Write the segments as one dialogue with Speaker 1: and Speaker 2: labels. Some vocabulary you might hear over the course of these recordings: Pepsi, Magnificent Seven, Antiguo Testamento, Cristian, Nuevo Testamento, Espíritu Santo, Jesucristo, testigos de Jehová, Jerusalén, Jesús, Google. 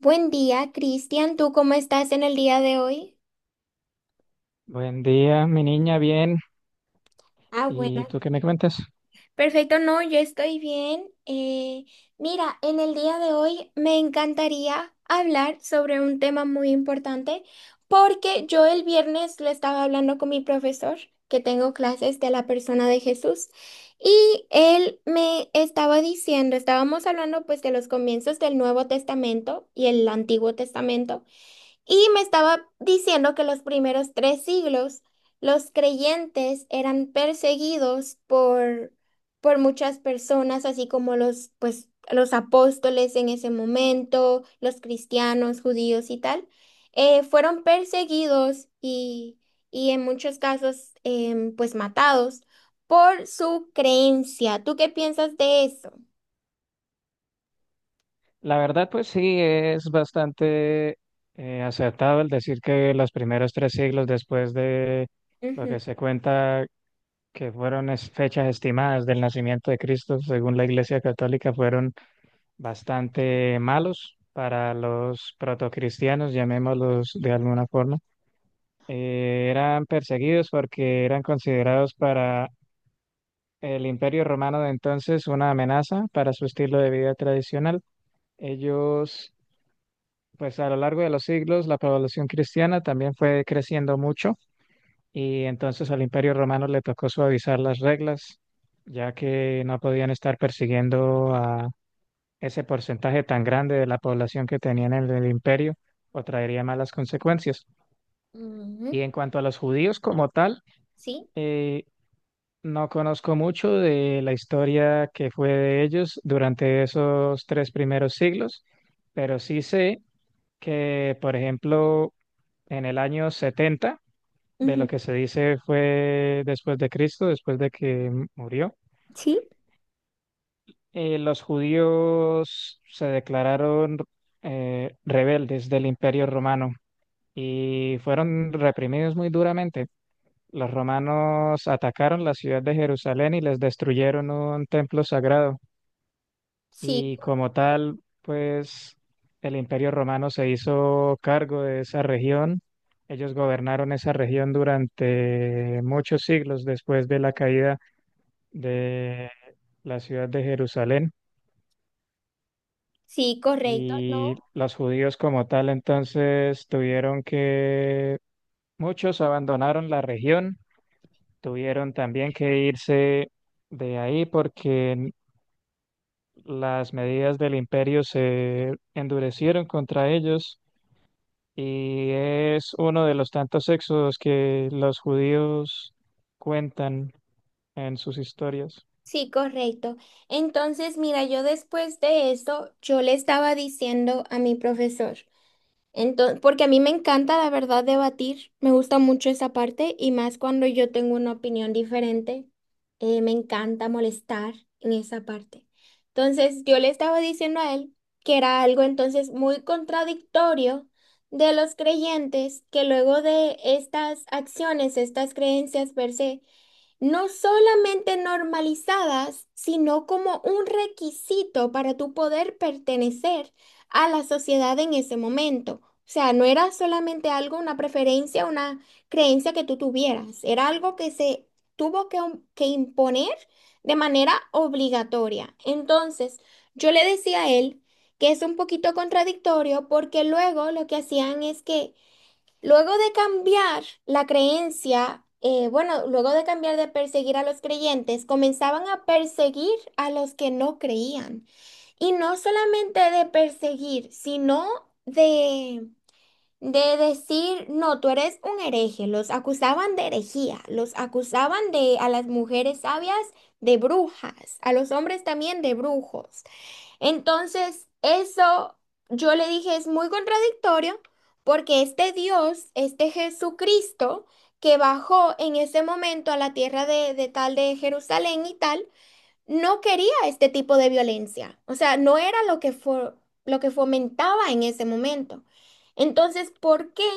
Speaker 1: Buen día, Cristian. ¿Tú cómo estás en el día de hoy?
Speaker 2: Buen día, mi niña, bien.
Speaker 1: Ah,
Speaker 2: ¿Y
Speaker 1: bueno.
Speaker 2: tú qué me cuentas?
Speaker 1: Perfecto, no, yo estoy bien. Mira, en el día de hoy me encantaría hablar sobre un tema muy importante porque yo el viernes le estaba hablando con mi profesor, que tengo clases de la persona de Jesús, y él me estaba diciendo, estábamos hablando pues de los comienzos del Nuevo Testamento y el Antiguo Testamento. Y me estaba diciendo que los primeros tres siglos los creyentes eran perseguidos por muchas personas, así como los, pues, los apóstoles en ese momento, los cristianos, judíos y tal, fueron perseguidos y en muchos casos pues matados por su creencia. ¿Tú qué piensas de eso?
Speaker 2: La verdad, pues sí, es bastante acertado el decir que los primeros tres siglos después de lo
Speaker 1: Ujú.
Speaker 2: que se cuenta que fueron fechas estimadas del nacimiento de Cristo, según la Iglesia Católica, fueron bastante malos para los protocristianos, llamémoslos de alguna forma. Eran perseguidos porque eran considerados para el Imperio Romano de entonces una amenaza para su estilo de vida tradicional. Ellos, pues a lo largo de los siglos, la población cristiana también fue creciendo mucho y entonces al Imperio Romano le tocó suavizar las reglas, ya que no podían estar persiguiendo a ese porcentaje tan grande de la población que tenían en el imperio o traería malas consecuencias. Y
Speaker 1: Ujú.
Speaker 2: en cuanto a los judíos como tal,
Speaker 1: ¿Sí?
Speaker 2: eh, no conozco mucho de la historia que fue de ellos durante esos tres primeros siglos, pero sí sé que, por ejemplo, en el año 70, de lo
Speaker 1: Ujú.
Speaker 2: que se dice fue después de Cristo, después de que murió,
Speaker 1: ¿Sí?
Speaker 2: los judíos se declararon rebeldes del Imperio Romano y fueron reprimidos muy duramente. Los romanos atacaron la ciudad de Jerusalén y les destruyeron un templo sagrado.
Speaker 1: Sí,
Speaker 2: Y como tal, pues el Imperio Romano se hizo cargo de esa región. Ellos gobernaron esa región durante muchos siglos después de la caída de la ciudad de Jerusalén.
Speaker 1: sí, correcto, ¿no?
Speaker 2: Y los judíos como tal entonces tuvieron que, muchos abandonaron la región, tuvieron también que irse de ahí porque las medidas del imperio se endurecieron contra ellos. Y es uno de los tantos éxodos que los judíos cuentan en sus historias.
Speaker 1: Sí, correcto. Entonces, mira, yo después de eso, yo le estaba diciendo a mi profesor, entonces, porque a mí me encanta, la verdad, debatir, me gusta mucho esa parte y más cuando yo tengo una opinión diferente, me encanta molestar en esa parte. Entonces, yo le estaba diciendo a él que era algo entonces muy contradictorio de los creyentes que luego de estas acciones, estas creencias per se, no solamente normalizadas, sino como un requisito para tu poder pertenecer a la sociedad en ese momento. O sea, no era solamente algo, una preferencia, una creencia que tú tuvieras, era algo que se tuvo que, que imponer de manera obligatoria. Entonces, yo le decía a él que es un poquito contradictorio porque luego lo que hacían es que luego de cambiar la creencia, bueno, luego de cambiar de perseguir a los creyentes, comenzaban a perseguir a los que no creían. Y no solamente de perseguir, sino de, de decir, no, tú eres un hereje. Los acusaban de herejía, los acusaban de a las mujeres sabias de brujas, a los hombres también de brujos. Entonces, eso yo le dije es muy contradictorio porque este Dios, este Jesucristo que bajó en ese momento a la tierra de tal de Jerusalén y tal, no quería este tipo de violencia. O sea, no era lo que fomentaba en ese momento. Entonces, ¿por qué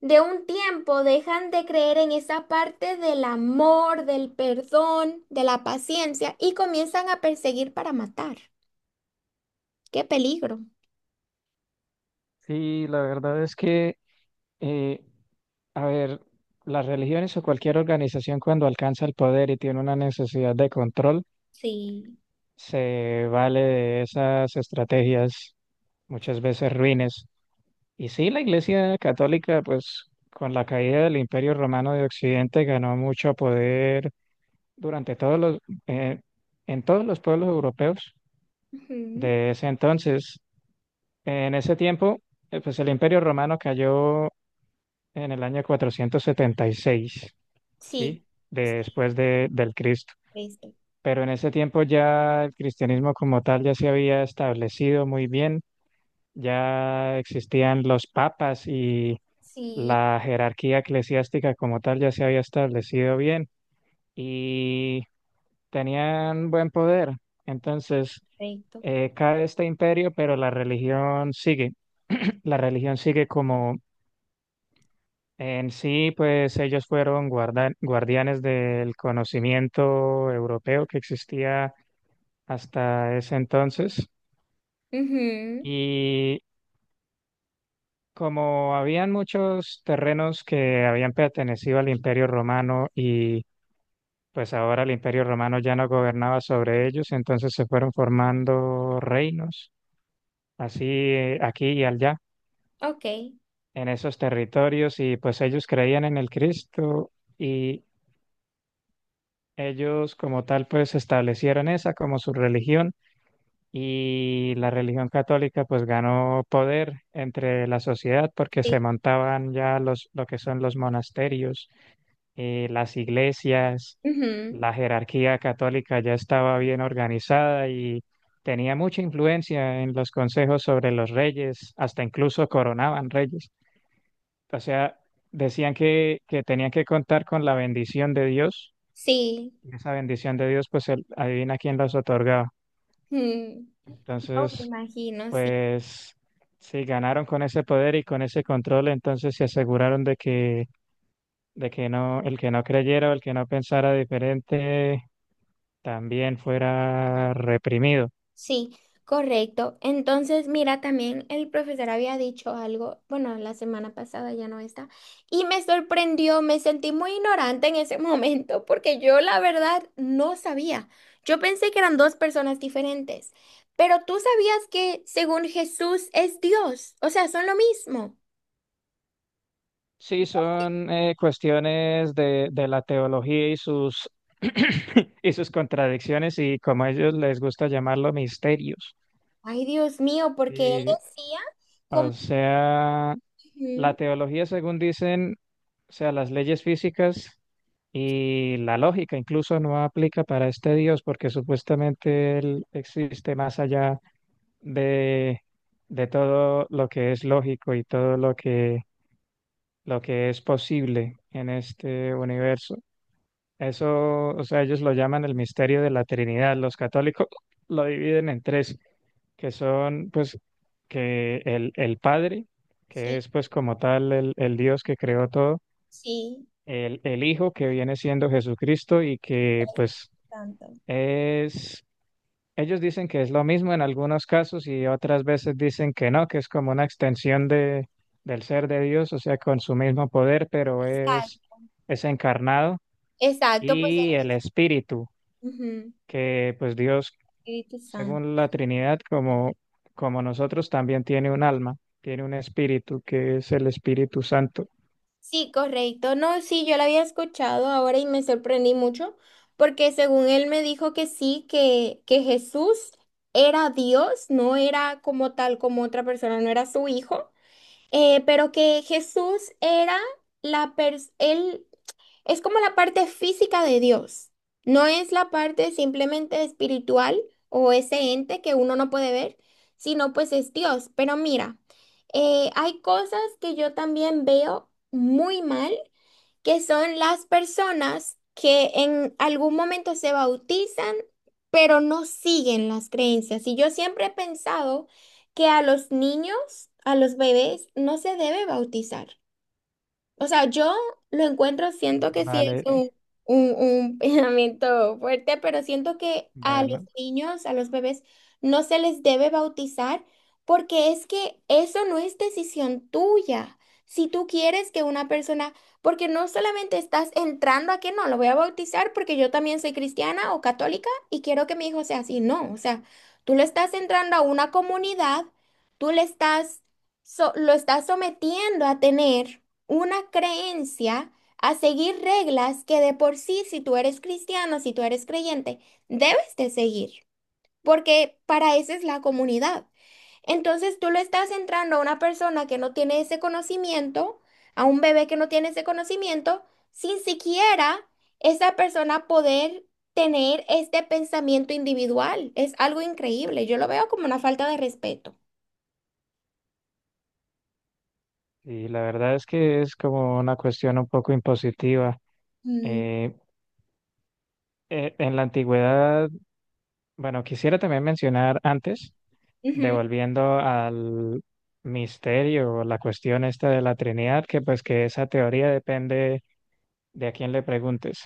Speaker 1: de un tiempo dejan de creer en esa parte del amor, del perdón, de la paciencia y comienzan a perseguir para matar? ¡Qué peligro!
Speaker 2: Sí, la verdad es que, eh, a ver, las religiones o cualquier organización cuando alcanza el poder y tiene una necesidad de control,
Speaker 1: Sí.
Speaker 2: se vale de esas estrategias muchas veces ruines. Y sí, la Iglesia Católica, pues con la caída del Imperio Romano de Occidente ganó mucho poder durante eh, en todos los pueblos europeos
Speaker 1: Ujú.
Speaker 2: de ese entonces. En ese tiempo, pues el Imperio Romano cayó en el año 476,
Speaker 1: Sí,
Speaker 2: ¿sí? Después de, del Cristo.
Speaker 1: listo.
Speaker 2: Pero en ese tiempo ya el cristianismo como tal ya se había establecido muy bien, ya existían los papas y
Speaker 1: Sí.
Speaker 2: la jerarquía eclesiástica como tal ya se había establecido bien. Y tenían buen poder. Entonces,
Speaker 1: Perfecto.
Speaker 2: cae este imperio, pero la religión sigue. La religión sigue como en sí, pues ellos fueron guardianes del conocimiento europeo que existía hasta ese entonces.
Speaker 1: Ujú.
Speaker 2: Y como habían muchos terrenos que habían pertenecido al imperio romano y pues ahora el imperio romano ya no gobernaba sobre ellos, entonces se fueron formando reinos así aquí y allá,
Speaker 1: Ok.
Speaker 2: en esos territorios, y pues ellos creían en el Cristo y ellos como tal pues establecieron esa como su religión y la religión católica pues ganó poder entre la sociedad porque se
Speaker 1: Sí.
Speaker 2: montaban ya lo que son los monasterios, las iglesias,
Speaker 1: Ujú.
Speaker 2: la jerarquía católica ya estaba bien organizada y... Tenía mucha influencia en los consejos sobre los reyes, hasta incluso coronaban reyes. O sea, decían que tenían que contar con la bendición de Dios.
Speaker 1: Sí.
Speaker 2: Y esa bendición de Dios, pues él, adivina quién las otorgaba.
Speaker 1: Ujú. No
Speaker 2: Entonces,
Speaker 1: me imagino, sí.
Speaker 2: pues si ganaron con ese poder y con ese control, entonces se aseguraron de que no, el que no creyera o el que no pensara diferente también fuera reprimido.
Speaker 1: Sí, correcto. Entonces, mira, también el profesor había dicho algo, bueno, la semana pasada ya no está, y me sorprendió, me sentí muy ignorante en ese momento, porque yo la verdad no sabía. Yo pensé que eran dos personas diferentes, pero tú sabías que según Jesús es Dios, o sea, son lo mismo.
Speaker 2: Sí, son cuestiones de la teología y sus, y sus contradicciones y como a ellos les gusta llamarlo misterios.
Speaker 1: Ay, Dios mío, porque él
Speaker 2: Sí,
Speaker 1: decía como...
Speaker 2: o sea, la
Speaker 1: Ujú.
Speaker 2: teología, según dicen, o sea, las leyes físicas y la lógica incluso no aplica para este Dios porque supuestamente él existe más allá de, de todo lo que es lógico y todo lo que es posible en este universo. Eso, o sea, ellos lo llaman el misterio de la Trinidad. Los católicos lo dividen en tres. Que son pues que el Padre, que
Speaker 1: Sí,
Speaker 2: es pues como tal el Dios que creó todo,
Speaker 1: sí.
Speaker 2: el Hijo que viene siendo Jesucristo y que
Speaker 1: Espíritu
Speaker 2: pues
Speaker 1: Santo.
Speaker 2: es, ellos dicen que es lo mismo en algunos casos y otras veces dicen que no, que es como una extensión de, del ser de Dios, o sea, con su mismo poder, pero
Speaker 1: Exacto,
Speaker 2: es encarnado
Speaker 1: exacto, pues...
Speaker 2: y el Espíritu,
Speaker 1: Ujú.
Speaker 2: que pues Dios,
Speaker 1: Espíritu Santo.
Speaker 2: según la Trinidad, como, como nosotros, también tiene un alma, tiene un espíritu que es el Espíritu Santo.
Speaker 1: Sí, correcto. No, sí, yo la había escuchado ahora y me sorprendí mucho porque según él me dijo que sí, que Jesús era Dios, no era como tal, como otra persona, no era su hijo, pero que Jesús era la persona, él es como la parte física de Dios, no es la parte simplemente espiritual o ese ente que uno no puede ver, sino pues es Dios. Pero mira, hay cosas que yo también veo muy mal, que son las personas que en algún momento se bautizan, pero no siguen las creencias. Y yo siempre he pensado que a los niños, a los bebés, no se debe bautizar. O sea, yo lo encuentro, siento que sí es
Speaker 2: Vale,
Speaker 1: un pensamiento fuerte, pero siento que a los
Speaker 2: bueno,
Speaker 1: niños, a los bebés, no se les debe bautizar porque es que eso no es decisión tuya. Si tú quieres que una persona, porque no solamente estás entrando a que no, lo voy a bautizar porque yo también soy cristiana o católica y quiero que mi hijo sea así. No, o sea, tú le estás entrando a una comunidad, tú le estás, lo estás sometiendo a tener una creencia a seguir reglas que de por sí, si tú eres cristiano, si tú eres creyente, debes de seguir, porque para eso es la comunidad. Entonces tú le estás entrando a una persona que no tiene ese conocimiento, a un bebé que no tiene ese conocimiento, sin siquiera esa persona poder tener este pensamiento individual. Es algo increíble. Yo lo veo como una falta de respeto.
Speaker 2: y la verdad es que es como una cuestión un poco impositiva.
Speaker 1: Mm.
Speaker 2: Eh, en la antigüedad, bueno, quisiera también mencionar antes,
Speaker 1: Ujú.
Speaker 2: devolviendo al misterio, la cuestión esta de la Trinidad, que pues que esa teoría depende de a quién le preguntes,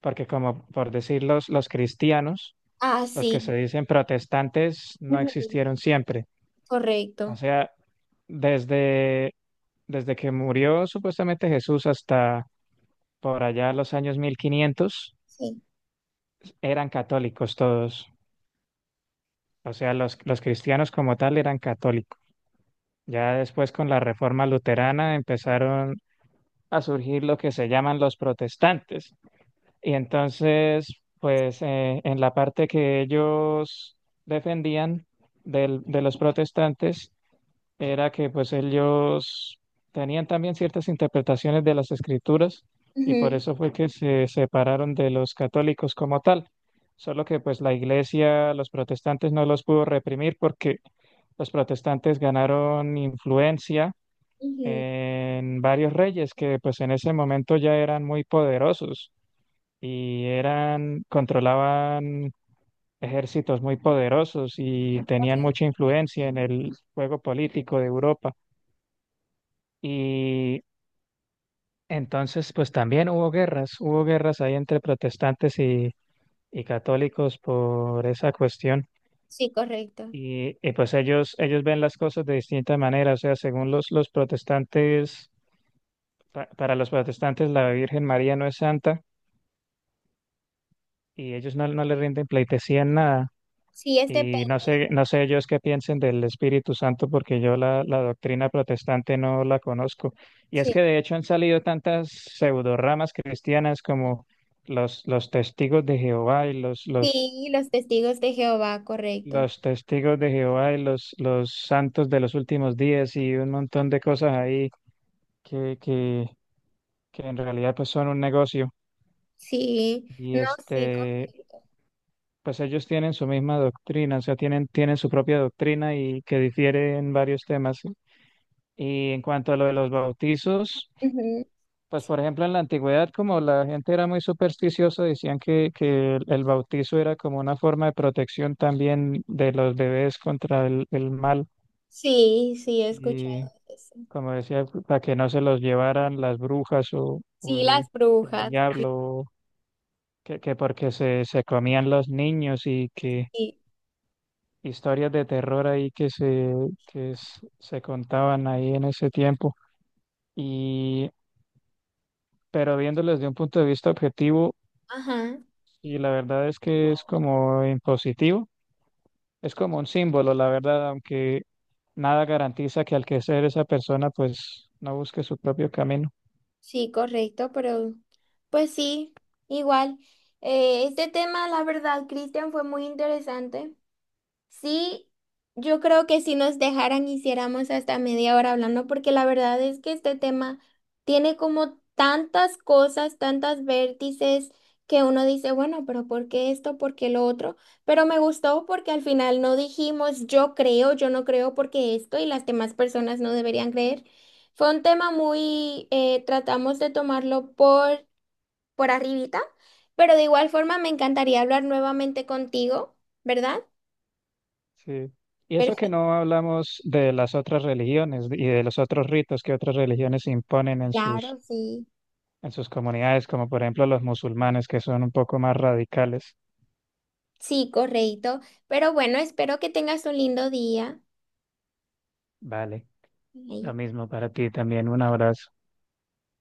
Speaker 2: porque como por decir los cristianos,
Speaker 1: Ah,
Speaker 2: los que se
Speaker 1: sí.
Speaker 2: dicen protestantes no
Speaker 1: Ujú.
Speaker 2: existieron siempre. O
Speaker 1: Correcto.
Speaker 2: sea, desde, desde que murió supuestamente Jesús hasta por allá los años 1500
Speaker 1: Sí.
Speaker 2: eran católicos todos. O sea, los cristianos como tal eran católicos. Ya después con la reforma luterana empezaron a surgir lo que se llaman los protestantes. Y entonces, pues en la parte que ellos defendían de los protestantes era que pues ellos tenían también ciertas interpretaciones de las escrituras y por
Speaker 1: Ujú,
Speaker 2: eso fue que se separaron de los católicos como tal. Solo que pues la iglesia, los protestantes no los pudo reprimir porque los protestantes ganaron influencia
Speaker 1: ujú.
Speaker 2: en varios reyes que pues en ese momento ya eran muy poderosos y eran, controlaban ejércitos muy poderosos y tenían mucha influencia en el juego político de Europa. Y entonces, pues también hubo guerras ahí entre protestantes y católicos por esa cuestión.
Speaker 1: Sí, correcto.
Speaker 2: Y, pues ellos ven las cosas de distinta manera, o sea, según los protestantes, para los protestantes la Virgen María no es santa y ellos no, no le rinden pleitesía en nada.
Speaker 1: Sí, es
Speaker 2: Y no
Speaker 1: depende.
Speaker 2: sé, no sé ellos qué piensen del Espíritu Santo porque yo la doctrina protestante no la conozco. Y es
Speaker 1: Sí,
Speaker 2: que de hecho han salido tantas pseudoramas cristianas como los, los testigos de Jehová y los, los,
Speaker 1: sí, los testigos de Jehová, correcto.
Speaker 2: los testigos de Jehová y los santos de los últimos días y un montón de cosas ahí que, que, que en realidad pues son un negocio.
Speaker 1: Sí,
Speaker 2: Y
Speaker 1: no, sí,
Speaker 2: este,
Speaker 1: correcto.
Speaker 2: pues ellos tienen su misma doctrina, o sea, tienen, tienen su propia doctrina y que difiere en varios temas. Y en cuanto a lo de los bautizos,
Speaker 1: Ujú.
Speaker 2: pues por ejemplo en la antigüedad, como la gente era muy supersticiosa, decían que el bautizo era como una forma de protección también de los bebés contra el mal.
Speaker 1: Sí, sí, he escuchado
Speaker 2: Y
Speaker 1: eso.
Speaker 2: como decía, para que no se los llevaran las brujas o
Speaker 1: Sí, las
Speaker 2: el
Speaker 1: brujas.
Speaker 2: diablo, que porque se comían los niños y que
Speaker 1: Sí,
Speaker 2: historias de terror ahí que que se contaban ahí en ese tiempo. Y pero viéndolo desde un punto de vista objetivo,
Speaker 1: ajá,
Speaker 2: y la verdad es que es como impositivo, es como un símbolo, la verdad, aunque nada garantiza que al que ser esa persona, pues no busque su propio camino.
Speaker 1: sí, correcto, pero pues sí, igual. Este tema, la verdad, Cristian, fue muy interesante. Sí, yo creo que si nos dejaran hiciéramos hasta media hora hablando, porque la verdad es que este tema tiene como tantas cosas, tantas vértices que uno dice, bueno, pero ¿por qué esto? ¿Por qué lo otro? Pero me gustó porque al final no dijimos yo creo, yo no creo porque esto y las demás personas no deberían creer. Fue un tema muy, tratamos de tomarlo por arribita, pero de igual forma me encantaría hablar nuevamente contigo, ¿verdad?
Speaker 2: Sí, y eso que no hablamos de las otras religiones y de los otros ritos que otras religiones imponen
Speaker 1: Claro, sí.
Speaker 2: en sus comunidades, como por ejemplo los musulmanes, que son un poco más radicales.
Speaker 1: Sí, correcto. Pero bueno, espero que tengas un lindo día.
Speaker 2: Vale, lo
Speaker 1: Ahí.
Speaker 2: mismo para ti también, un abrazo.